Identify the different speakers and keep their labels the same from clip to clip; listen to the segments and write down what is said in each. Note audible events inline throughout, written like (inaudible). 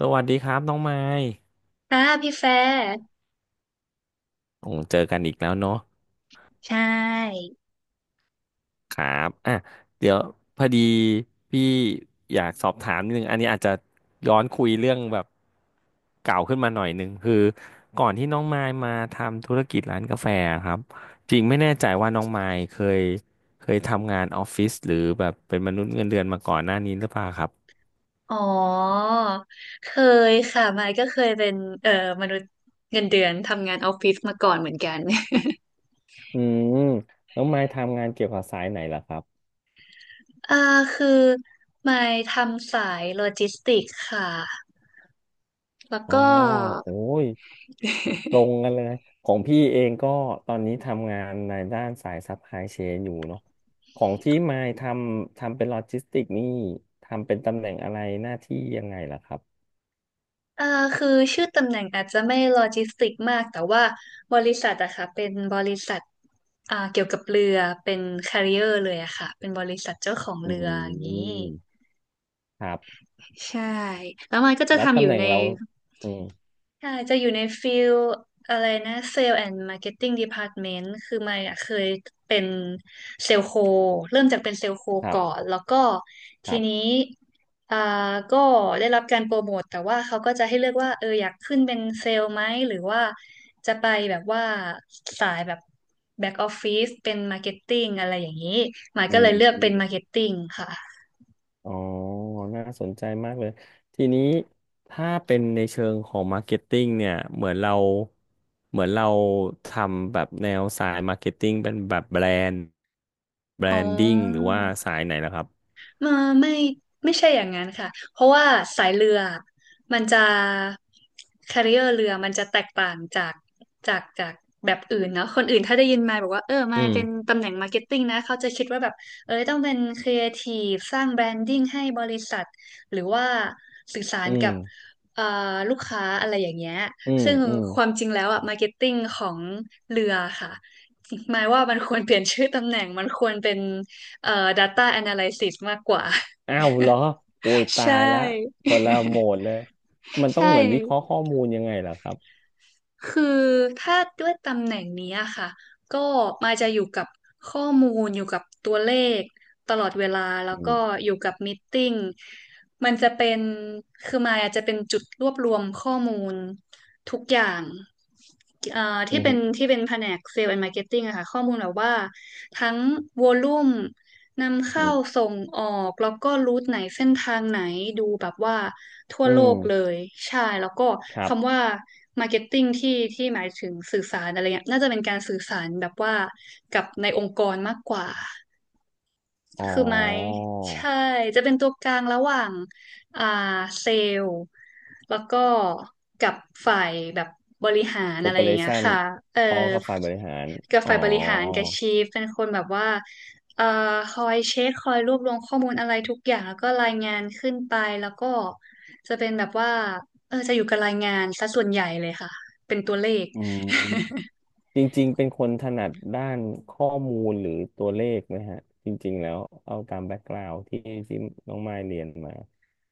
Speaker 1: สวัสดีครับน้องไม้
Speaker 2: อ่าพี่แฟร์
Speaker 1: โอ้เจอกันอีกแล้วเนาะ
Speaker 2: ใช่
Speaker 1: ครับอ่ะเดี๋ยวพอดีพี่อยากสอบถามนิดนึงอันนี้อาจจะย้อนคุยเรื่องแบบเก่าขึ้นมาหน่อยนึงคือก่อนที่น้องไม้มาทำธุรกิจร้านกาแฟครับจริงไม่แน่ใจว่าน้องไม้เคยเคยทำงานออฟฟิศหรือแบบเป็นมนุษย์เงินเดือนมาก่อนหน้านี้หรือเปล่าครับ
Speaker 2: อ๋อเคยค่ะมายก็เคยเป็นเอ่อมนุษย์เงินเดือนทำงานออฟฟิศมาก่อนเหมือนกัน
Speaker 1: อืมน้องไม้ทำงานเกี่ยวกับสายไหนล่ะครับ
Speaker 2: (laughs) อ่าคือมายทำสายโลจิสติกส์ค่ะแล้ว
Speaker 1: อ๋อ
Speaker 2: ก็
Speaker 1: โอ้ย ตรงกันเลยของพี่เองก็ตอนนี้ทำงานในด้านสายซัพพลายเชนอยู่เนาะของที่มายทำเป็นโลจิสติกนี่ทำเป็นตำแหน่งอะไรหน้าที่ยังไงล่ะครับ
Speaker 2: เอ่าคือชื่อตำแหน่งอาจจะไม่โลจิสติกมากแต่ว่าบริษัทอะค่ะเป็นบริษัทเกี่ยวกับเรือเป็น carrier เลยอะค่ะเป็นบริษัทเจ้าของ
Speaker 1: อ
Speaker 2: เรืออย่า
Speaker 1: ื
Speaker 2: งนี้
Speaker 1: มครับ
Speaker 2: ใช่แล้วมันก็จะ
Speaker 1: แล้ว
Speaker 2: ทำอ
Speaker 1: ตำ
Speaker 2: ยู่
Speaker 1: แหน่ง
Speaker 2: ใน
Speaker 1: เราอืม
Speaker 2: ใช่จะอยู่ในฟิลอะไรนะเซลล์แอนด์มาร์เก็ตติ้งดีพาร์ตเมนต์คือมายอะเคยเป็นเซลล์โคเริ่มจากเป็นเซลล์โค
Speaker 1: ครั
Speaker 2: ก่อน
Speaker 1: บ
Speaker 2: แล้วก็
Speaker 1: ค
Speaker 2: ที
Speaker 1: รับ
Speaker 2: นี้อ่าก็ได้รับการโปรโมทแต่ว่าเขาก็จะให้เลือกว่าเอออยากขึ้นเป็นเซลล์ไหมหรือว่าจะไปแบบว่าสายแบบแบ็กออฟฟิศเป็นมาร์เก็ตติ้งอะไรอย่างนี้มาย
Speaker 1: อื
Speaker 2: ก็เลยเลือกเป็นมาร์เก็ต
Speaker 1: ม
Speaker 2: ติ้งค่ะ
Speaker 1: อ๋อ น่าสนใจมากเลย ทีนี้ถ้าเป็นในเชิงของมาร์เก็ตติ้งเนี่ย เหมือนเราทำแบบแนวสายมาร์เก็ตติ้งเป็นแบบแบรนด์แบร
Speaker 2: อ๋
Speaker 1: นดิ้งหรือ
Speaker 2: อ
Speaker 1: ว่าสายไหนนะครับ
Speaker 2: เออไม่ไม่ใช่อย่างนั้นค่ะเพราะว่าสายเรือมันจะแคริเออร์เรือมันจะแตกต่างจากจากแบบอื่นเนาะคนอื่นถ้าได้ยินมาบอกว่าเออมา
Speaker 1: อืม
Speaker 2: เป็นตำแหน่งมาร์เก็ตติ้งนะเขาจะคิดว่าแบบเออต้องเป็นครีเอทีฟสร้างแบรนดิ้งให้บริษัทหรือว่าสื่อสาร
Speaker 1: อื
Speaker 2: กับ
Speaker 1: ม
Speaker 2: เอ่ลูกค้าอะไรอย่างเงี้ย
Speaker 1: อืม
Speaker 2: ซึ่ง
Speaker 1: อืม
Speaker 2: ความจริงแล้วอะมาร์เก็ตติ้งของเรือค่ะหมายว่ามันควรเปลี่ยนชื่อตำแหน่งมันควรเป็น data analysis มากกว่า
Speaker 1: อ้าวเหรอโอ้ย
Speaker 2: (laughs)
Speaker 1: ตา
Speaker 2: ใช่
Speaker 1: ยละคนละโหม
Speaker 2: (laughs)
Speaker 1: ดเลย มันต้อ
Speaker 2: ใช่
Speaker 1: งเหมือนวิเคราะห์ข้อมูลยังไงเหรอครับ
Speaker 2: คือถ้าด้วยตำแหน่งนี้อะค่ะก็มาจะอยู่กับข้อมูลอยู่กับตัวเลขตลอดเวลาแล้ว
Speaker 1: อื
Speaker 2: ก็
Speaker 1: ม
Speaker 2: อยู่กับม e e ติ้งมันจะเป็นคือมายอาจจะเป็นจุดรวบรวมข้อมูลทุกอย่างเอ่อ
Speaker 1: อื
Speaker 2: ที่เป็น
Speaker 1: ม
Speaker 2: ที่เป็นแผนกเซลล์แอนด์มาร์เก็ตติ้งอะค่ะข้อมูลแบบว่าทั้งวอลลุ่ม นำ
Speaker 1: อื
Speaker 2: เข้า
Speaker 1: ม
Speaker 2: ส่งออกแล้วก็รูทไหนเส้นทางไหนดูแบบว่าทั่ว
Speaker 1: อื
Speaker 2: โล
Speaker 1: ม
Speaker 2: กเลยใช่แล้วก็
Speaker 1: ครับ
Speaker 2: คำว่า Marketing ที่หมายถึงสื่อสารอะไรเงี้ยน่าจะเป็นการสื่อสารแบบว่ากับในองค์กรมากกว่า
Speaker 1: อ๋อ
Speaker 2: คือไม้ใช่จะเป็นตัวกลางระหว่างอ่าเซลล์แล้วก็กับฝ่ายแบบบริหารอะไรอย่างเงี้ย
Speaker 1: Operation
Speaker 2: ค่ะเออ
Speaker 1: อ๋อครับฝ่ายบริหาร
Speaker 2: กับ
Speaker 1: อ๋อ
Speaker 2: ฝ่ายบริหารกับชีฟเป็นคนแบบว่าเอ่อคอยเช็คคอยรวบรวมข้อมูลอะไรทุกอย่างแล้วก็รายงานขึ้นไปแล้วก็จะเป็นแบบว่าเออจะอยู่กับรายงานซะส่วนใหญ่เลยค่ะเป็นตัวเลข
Speaker 1: อืมจริงๆเป็นคนถนัดด้านข้อมูลหรือตัวเลขไหมฮะจริงๆแล้วเอาตามแบ็กกราวด์ที่น้องไมายเรียนมา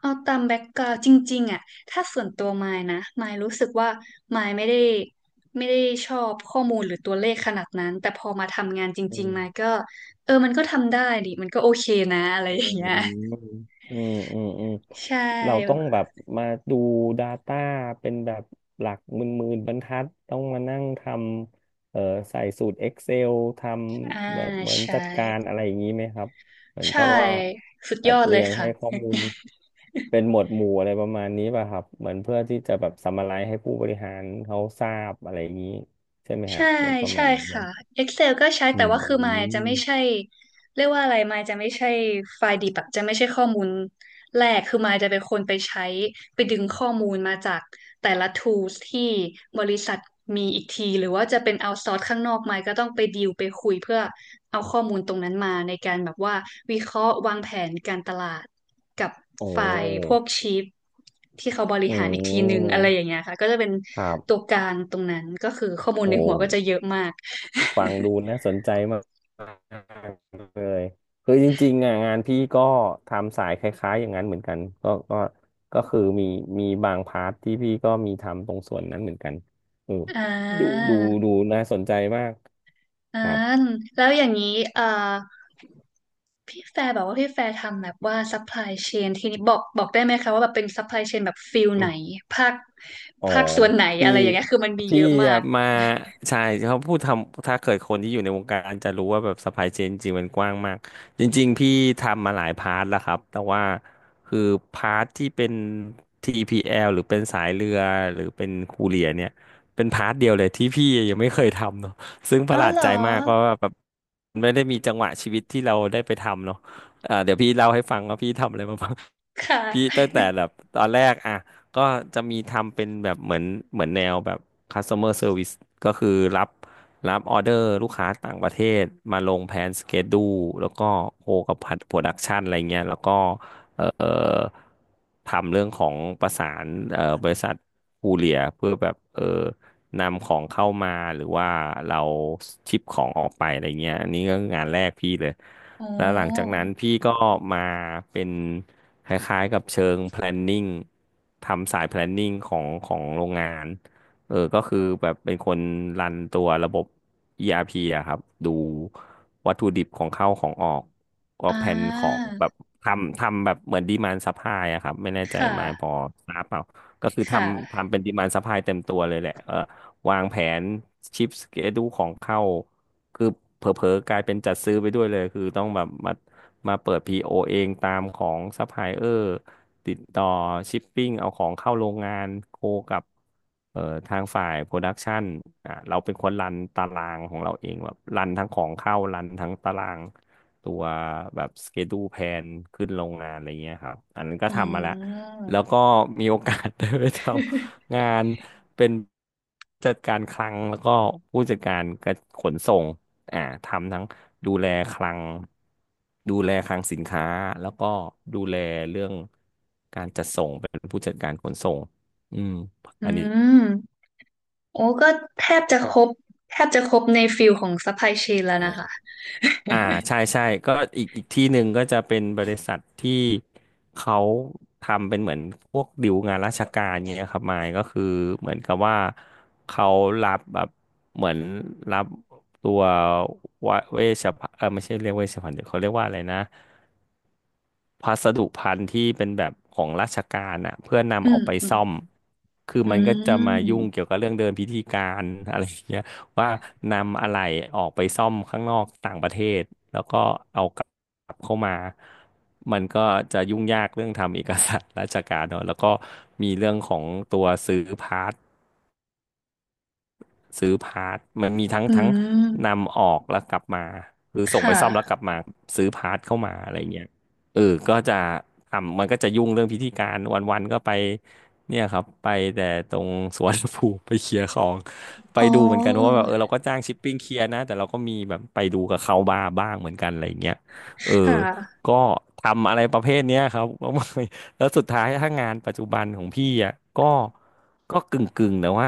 Speaker 2: เอาตามแบ็กกราวด์จริงๆอ่ะถ้าส่วนตัวมายนะมายรู้สึกว่ามายไม่ได้ชอบข้อมูลหรือตัวเลขขนาดนั้นแต่พอมาทำงานจ
Speaker 1: อื
Speaker 2: ริงๆมาย
Speaker 1: ม
Speaker 2: ก็เออมันก็ทำได้ดิมันก็โอเคนะอะไร
Speaker 1: อื
Speaker 2: อ
Speaker 1: ม
Speaker 2: ย่างเงี้ย
Speaker 1: อืมอืมอืม
Speaker 2: ใช่
Speaker 1: เราต้องแบบมาดู Data เป็นแบบหลักหมื่นๆบรรทัดต้องมานั่งทำใส่สูตร Excel ท
Speaker 2: อ่า
Speaker 1: ำแบบเหมือน
Speaker 2: ใช่
Speaker 1: จัดการอะไรอย่างนี้ไหมครับเหมือน
Speaker 2: ใช่
Speaker 1: กับว่า
Speaker 2: สุด
Speaker 1: จั
Speaker 2: ย
Speaker 1: ด
Speaker 2: อดเล
Speaker 1: เรี
Speaker 2: ย
Speaker 1: ยง
Speaker 2: ค่ะ
Speaker 1: ให้ข้อมูลเป็นหมวดหมู่อะไรประมาณนี้ป่ะครับเหมือนเพื่อที่จะแบบซัมมาไรซ์ให้ผู้บริหารเขาทราบอะไรอย่างนี้ใช่ไหมฮะ
Speaker 2: ใช่
Speaker 1: เหมือนประ
Speaker 2: ใช่
Speaker 1: มาณนั้นเล
Speaker 2: ค่ะ
Speaker 1: ย
Speaker 2: Excel ก็ใช้
Speaker 1: อื
Speaker 2: แต่ว่าคือมายจะ
Speaker 1: ม
Speaker 2: ไม่ใช่เรียกว่าอะไรมายจะไม่ใช่ไฟล์ดิบอะจะไม่ใช่ข้อมูล แรกคือมายจะเป็นคนไปใช้ไปดึงข้อมูลมาจากแต่ละ tools ที่บริษัทมีอีกทีหรือว่าจะเป็นเอาซอร์สข้างนอกมายก็ต้องไปดีลไปคุยเพื่อเอาข้อมูลตรงนั้นมาในการแบบว่าวิเคราะห์วางแผนการตลาดกับ
Speaker 1: โอ้
Speaker 2: ฝ่ายพวกชีฟที่เขาบริ
Speaker 1: อื
Speaker 2: หารอีกทีหนึ่งอะไรอย่า
Speaker 1: ม
Speaker 2: งเงี้ยค่ะก็จะเป็น
Speaker 1: ครั
Speaker 2: ตัว
Speaker 1: บ
Speaker 2: กลางตรงนั้นก็คือข้อมูล
Speaker 1: โอ้
Speaker 2: ในหัวก็จะเยอะมาก
Speaker 1: ฟังดูน่าสนใจมากเลยคือจริงๆอ่ะงานพี่ก็ทำสายคล้ายๆอย่างนั้นเหมือนกันก็คือมีบางพาร์ทที่พี่ก็มีทำตรงส่วนนั้นเหมือนกันออ
Speaker 2: (laughs) อ่า
Speaker 1: ดูน่าสนใจมาก
Speaker 2: อ่า
Speaker 1: ครับ
Speaker 2: แล้วอย่างนี้เอ่อพี่แฟร์บอกว่าพี่แฟร์ทำแบบว่า supply chain ทีนี้บอกได้ไหมคะว่าแบบเป็น supply chain แบบฟิลไหนภาค
Speaker 1: อ๋อ
Speaker 2: ภาคส่วนไหน
Speaker 1: พี่
Speaker 2: อะไรอย่างเงี้ยคือมันมี
Speaker 1: พี่
Speaker 2: เยอะมา
Speaker 1: อะ
Speaker 2: ก
Speaker 1: มาใช่เขาพูดทำถ้าเกิดคนที่อยู่ในวงการจะรู้ว่าแบบซัพพลายเชนจริงๆมันกว้างมากจริงๆพี่ทำมาหลายพาร์ทแล้วครับแต่ว่าคือพาร์ทที่เป็น TPL หรือเป็นสายเรือหรือเป็นคูเรียเนี่ยเป็นพาร์ทเดียวเลยที่พี่ยังไม่เคยทำเนาะซึ่งป
Speaker 2: อ๋อ
Speaker 1: ระหลาด
Speaker 2: เหรอ
Speaker 1: ใจมากเพราะว่าแบบไม่ได้มีจังหวะชีวิตที่เราได้ไปทำเนาะเอ่าเดี๋ยวพี่เล่าให้ฟังว่าพี่ทำอะไรมาบ้าง
Speaker 2: ค
Speaker 1: พี่
Speaker 2: ่ะ
Speaker 1: ตั้งแต่แบบตอนแรกอ่ะ ก็จะมีทำเป็นแบบเหมือนแนวแบบ customer service ก็คือรับรับออเดอร์ลูกค้าต่างประเทศมาลงแผนสเกดูแล้วก็โคกับพัดโปรดักชันอะไรเงี้ยแล้วก็เอ่อทำเรื่องของประสานบริษัทคูเรียร์เพื่อแบบเออ นำของเข้ามาหรือว่าเราชิปของออกไปอะไรเงี้ยอันนี้ก็งานแรกพี่เลย
Speaker 2: อ๋อ
Speaker 1: แล้วหลังจากนั้นพี่ก็มาเป็นคล้ายๆกับเชิง planning ทำสาย planning ของโรงงานเออก็คือแบบเป็นคนรันตัวระบบ ERP อาร์พีอะครับดูวัตถุดิบของเข้าของออกก็
Speaker 2: อ่
Speaker 1: แผนของ
Speaker 2: า
Speaker 1: แบบทำแบบเหมือน demand supply อะครับไม่แน่ใจ
Speaker 2: ค่ะ
Speaker 1: มายพอทราบเปล่าก็คือ
Speaker 2: ค
Speaker 1: ทำ
Speaker 2: ่ะ
Speaker 1: ทำเป็น demand supply เต็มตัวเลยแหละเออ วางแผนชิปสเกดูของเข้าคือเผลอๆกลายเป็นจัดซื้อไปด้วยเลยคือต้องแบบมาเปิด PO เองตามของซัพพลายเออร์ติดต่อชิปปิ้งเอาของเข้าโรงงานโคกับเอ่อทางฝ่ายโปรดักชันอ่ะเราเป็นคนรันตารางของเราเองแบบรันทั้งของเข้ารันทั้งตารางตัวแบบสเกดูแพนขึ้นโรงงานอะไรเงี้ยครับอันนั้นก็
Speaker 2: อ๋
Speaker 1: ทำมาแล้ว
Speaker 2: อ
Speaker 1: แล้วก็มีโอกาส (laughs) ได้ไปท งานเป็นจัดการคลังแล้วก็ผู้จัดการกระขนส่งอ่าทำทั้งดูแลคลังดูแลคลังสินค้าแล้วก็ดูแลเรื่องการจัดส่งเป็นผู้จัดการขนส่งอืม
Speaker 2: อื
Speaker 1: อันนี้
Speaker 2: มโอ้ก็แทบจะครบแทบจะครบในฟิลของซัพพลายเชนแล้วนะคะ
Speaker 1: อ่าใช่ใช่ก็อีกที่หนึ่งก็จะเป็นบริษัทที่เขาทำเป็นเหมือนพวกดิวงานราชการเงี้ยครับมายก็คือเหมือนกับว่าเขารับแบบเหมือนรับตัววะเวชภัณฑ์ไม่ใช่เรียกเวชภัณฑ์เดี๋ยวเขาเรียกว่าอะไรนะพัสดุภัณฑ์ที่เป็นแบบของราชการอ่ะเพื่อ
Speaker 2: อื
Speaker 1: นำออ
Speaker 2: ม
Speaker 1: กไป
Speaker 2: อืม
Speaker 1: ซ่อมคือ
Speaker 2: อื
Speaker 1: มันก็จะมายุ่งเกี่ย
Speaker 2: ม
Speaker 1: วกับเรื่องเดินพิธีการอะไรอย่างเงี้ย ว่านำอะไรออกไปซ่อมข้างนอกต่างประเทศแล้วก็เอากลับเข้ามามันก็จะยุ่งยากเรื่องทำเอกสารราชการเนอะแล้วก็มีเรื่องของตัวซื้อพาร์ท ซื้อพาร์ทมันมีทั้ง
Speaker 2: อื
Speaker 1: ทั้ง
Speaker 2: ม
Speaker 1: นำออกแล้วกลับมาหรือ
Speaker 2: ค
Speaker 1: ส่งไปซ่อมแล้วก
Speaker 2: ่ะ
Speaker 1: ลับมาซื้อพาร์ทเข้ามาอะไรเงี้ยก็จะทำมันก็จะยุ่งเรื่องพิธีการวันๆก็ไปเนี่ยครับไปแต่ตรงสวนภูมิ (laughs) ไปเคลียร์ของไป
Speaker 2: อ๋อ
Speaker 1: ดูเหมือนกันเพราะว่าแบบเราก็จ้างชิปปิ้งเคลียร์นะแต่เราก็มีแบบไปดูกับเขาบ้างเหมือนกันอะไรเงี้ยเออ
Speaker 2: ค่ะ
Speaker 1: ก็ทำอะไรประเภทเนี้ยครับ (laughs) ก็ แล้วสุดท้ายถ้างานปัจจุบันของพี่อ่ะก็ก็กึ่งแต่ว่า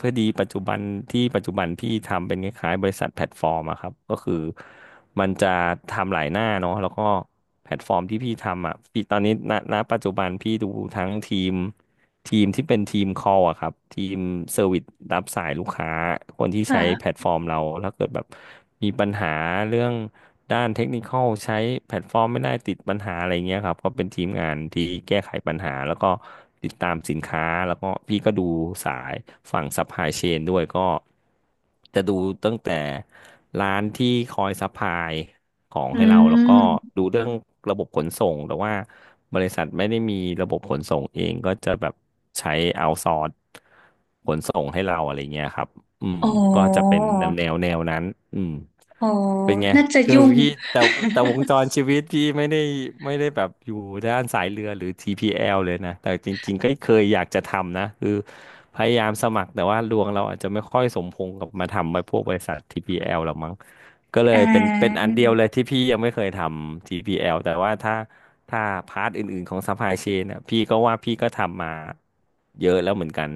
Speaker 1: พอดีปัจจุบันที่ปัจจุบันพี่ทำเป็นคล้ายๆบริษัทแพลตฟอร์มอะครับก็คือมันจะทำหลายหน้าเนาะแล้วก็แพลตฟอร์มที่พี่ทำอ่ะพี่ตอนนี้ณปัจจุบันพี่ดูทั้งทีม ทีมที่เป็นทีม call อะครับ ทีมเซอร์วิสรับสายลูกค้า คนที่ใช้แพล
Speaker 2: ค่ะ
Speaker 1: ตฟอร์มเราถ้าเกิดแบบมีปัญหาเรื่องด้านเทคนิคอลใช้แพลตฟอร์มไม่ได้ติดปัญหาอะไรเงี้ยครับ ก็เป็นทีมงานที่แก้ไขปัญหาแล้วก็ติดตามสินค้าแล้วก็พี่ก็ดูสายฝั่งซัพพลายเชนด้วยก็ จะดูตั้งแต่ร้านที่คอยซัพพลายของ
Speaker 2: อื
Speaker 1: ให้เราแล้วก็
Speaker 2: ม
Speaker 1: ดูเรื่องระบบขนส่งแต่ว่าบริษัทไม่ได้มีระบบขนส่งเองก็จะแบบใช้เอาซอร์สขนส่งให้เราอะไรเงี้ยครับอืม
Speaker 2: อ๋อ
Speaker 1: ก็จะเป็นแนวนั้นอืม
Speaker 2: อ๋อ
Speaker 1: เป็นไง
Speaker 2: น่าจะ
Speaker 1: คือ
Speaker 2: ยุ่ง
Speaker 1: พี่แต่แต่วงจรชีวิตพี่ไม่ได้แบบอยู่ด้านสายเรือหรือ TPL เลยนะแต่จริงๆก็เคยอยากจะทำนะคือพยายามสมัครแต่ว่าดวงเราอาจจะไม่ค่อยสมพงษ์กับมาทำไปพวกบริษัท TPL หรอกมั้งก็เล
Speaker 2: อ่
Speaker 1: ยเป็นเป็นอั
Speaker 2: า
Speaker 1: นเดียวเลยที่พี่ยังไม่เคยทำ TPL แอลแต่ว่าถ้าพาร์ทอื่นๆของ supply chain นะพี่ก็ว่าพี่ก็ทำมาเยอะแล้วเหมือนกัน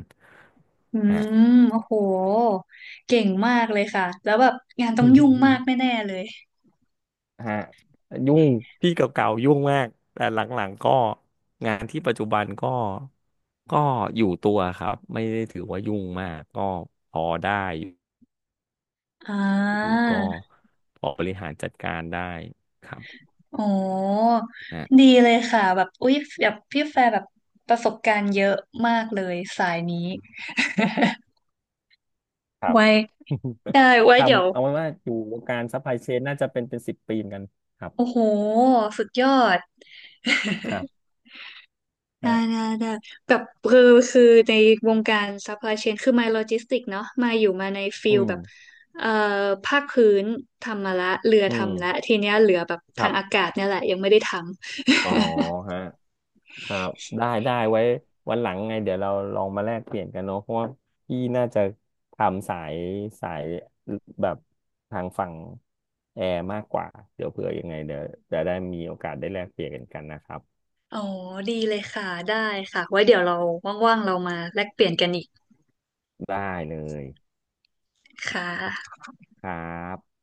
Speaker 2: อื
Speaker 1: ฮะ
Speaker 2: มโอ้โหเก่งมากเลยค่ะแล้วแบบงานต้องยุ่งมากแน่ๆเลย
Speaker 1: ฮะยุ่งพี่เก่าๆยุ่งมากแต่หลังๆก็งานที่ปัจจุบันก็อยู่ตัวครับไม่ได้ถือว่ายุ่งมากก็พอได้อย
Speaker 2: อ่
Speaker 1: ู่
Speaker 2: า
Speaker 1: ก็พอบริหารจัดการได้ครับ
Speaker 2: อ๋อ
Speaker 1: ฮะ
Speaker 2: ดีเลยค่ะแบบอุ๊ยแบบพี่แฟร์แบบประสบการณ์เยอะมากเลยสายนี้
Speaker 1: ค
Speaker 2: (laughs)
Speaker 1: รับ
Speaker 2: ไว้
Speaker 1: (laughs)
Speaker 2: ได้ไว้
Speaker 1: ท
Speaker 2: เดี๋ยว
Speaker 1: ำเอาไว้ว่าอยู่วงการซัพพลายเชนน่าจะเป็นสิบปีเหมือนกันครับ
Speaker 2: โอ้โหสุดยอด
Speaker 1: ครับ
Speaker 2: ได้
Speaker 1: ฮะ
Speaker 2: ได้ได้แบบคือคือในวงการซัพพลายเชนคือมาโลจิสติกเนาะมาอยู่มาในฟิ
Speaker 1: อื
Speaker 2: ล
Speaker 1: ม
Speaker 2: แบบเอ่อภาคพื้นทำมาละเรือ
Speaker 1: อื
Speaker 2: ทำละ
Speaker 1: ม
Speaker 2: ทีเนี้ยเหลือแบบ
Speaker 1: ค
Speaker 2: ทา
Speaker 1: รั
Speaker 2: ง
Speaker 1: บ
Speaker 2: อากาศเนี่ยแหละยังไม่ได้ทำ
Speaker 1: อ๋อฮะ ครับได้ได้ไว้วันหลังไงเดี๋ยวเราลองมาแลกเปลี่ยนกันเนาะเพราะว่าพี่น่าจะทำสายแบบทางฝั่งแอร์มากกว่าเดี๋ยวเผื่อยังไงเดี๋ยวจะได้มีโอกาสได้แลกเปลี่ยนกันนะครับ
Speaker 2: (laughs) อ๋อดีเลยค่ะได้ค่ะไว้เดี๋ยวเราว่างๆเรามาแลกเปลี่ยนกันอีก
Speaker 1: ได้เลย
Speaker 2: ค่ะ
Speaker 1: ครับ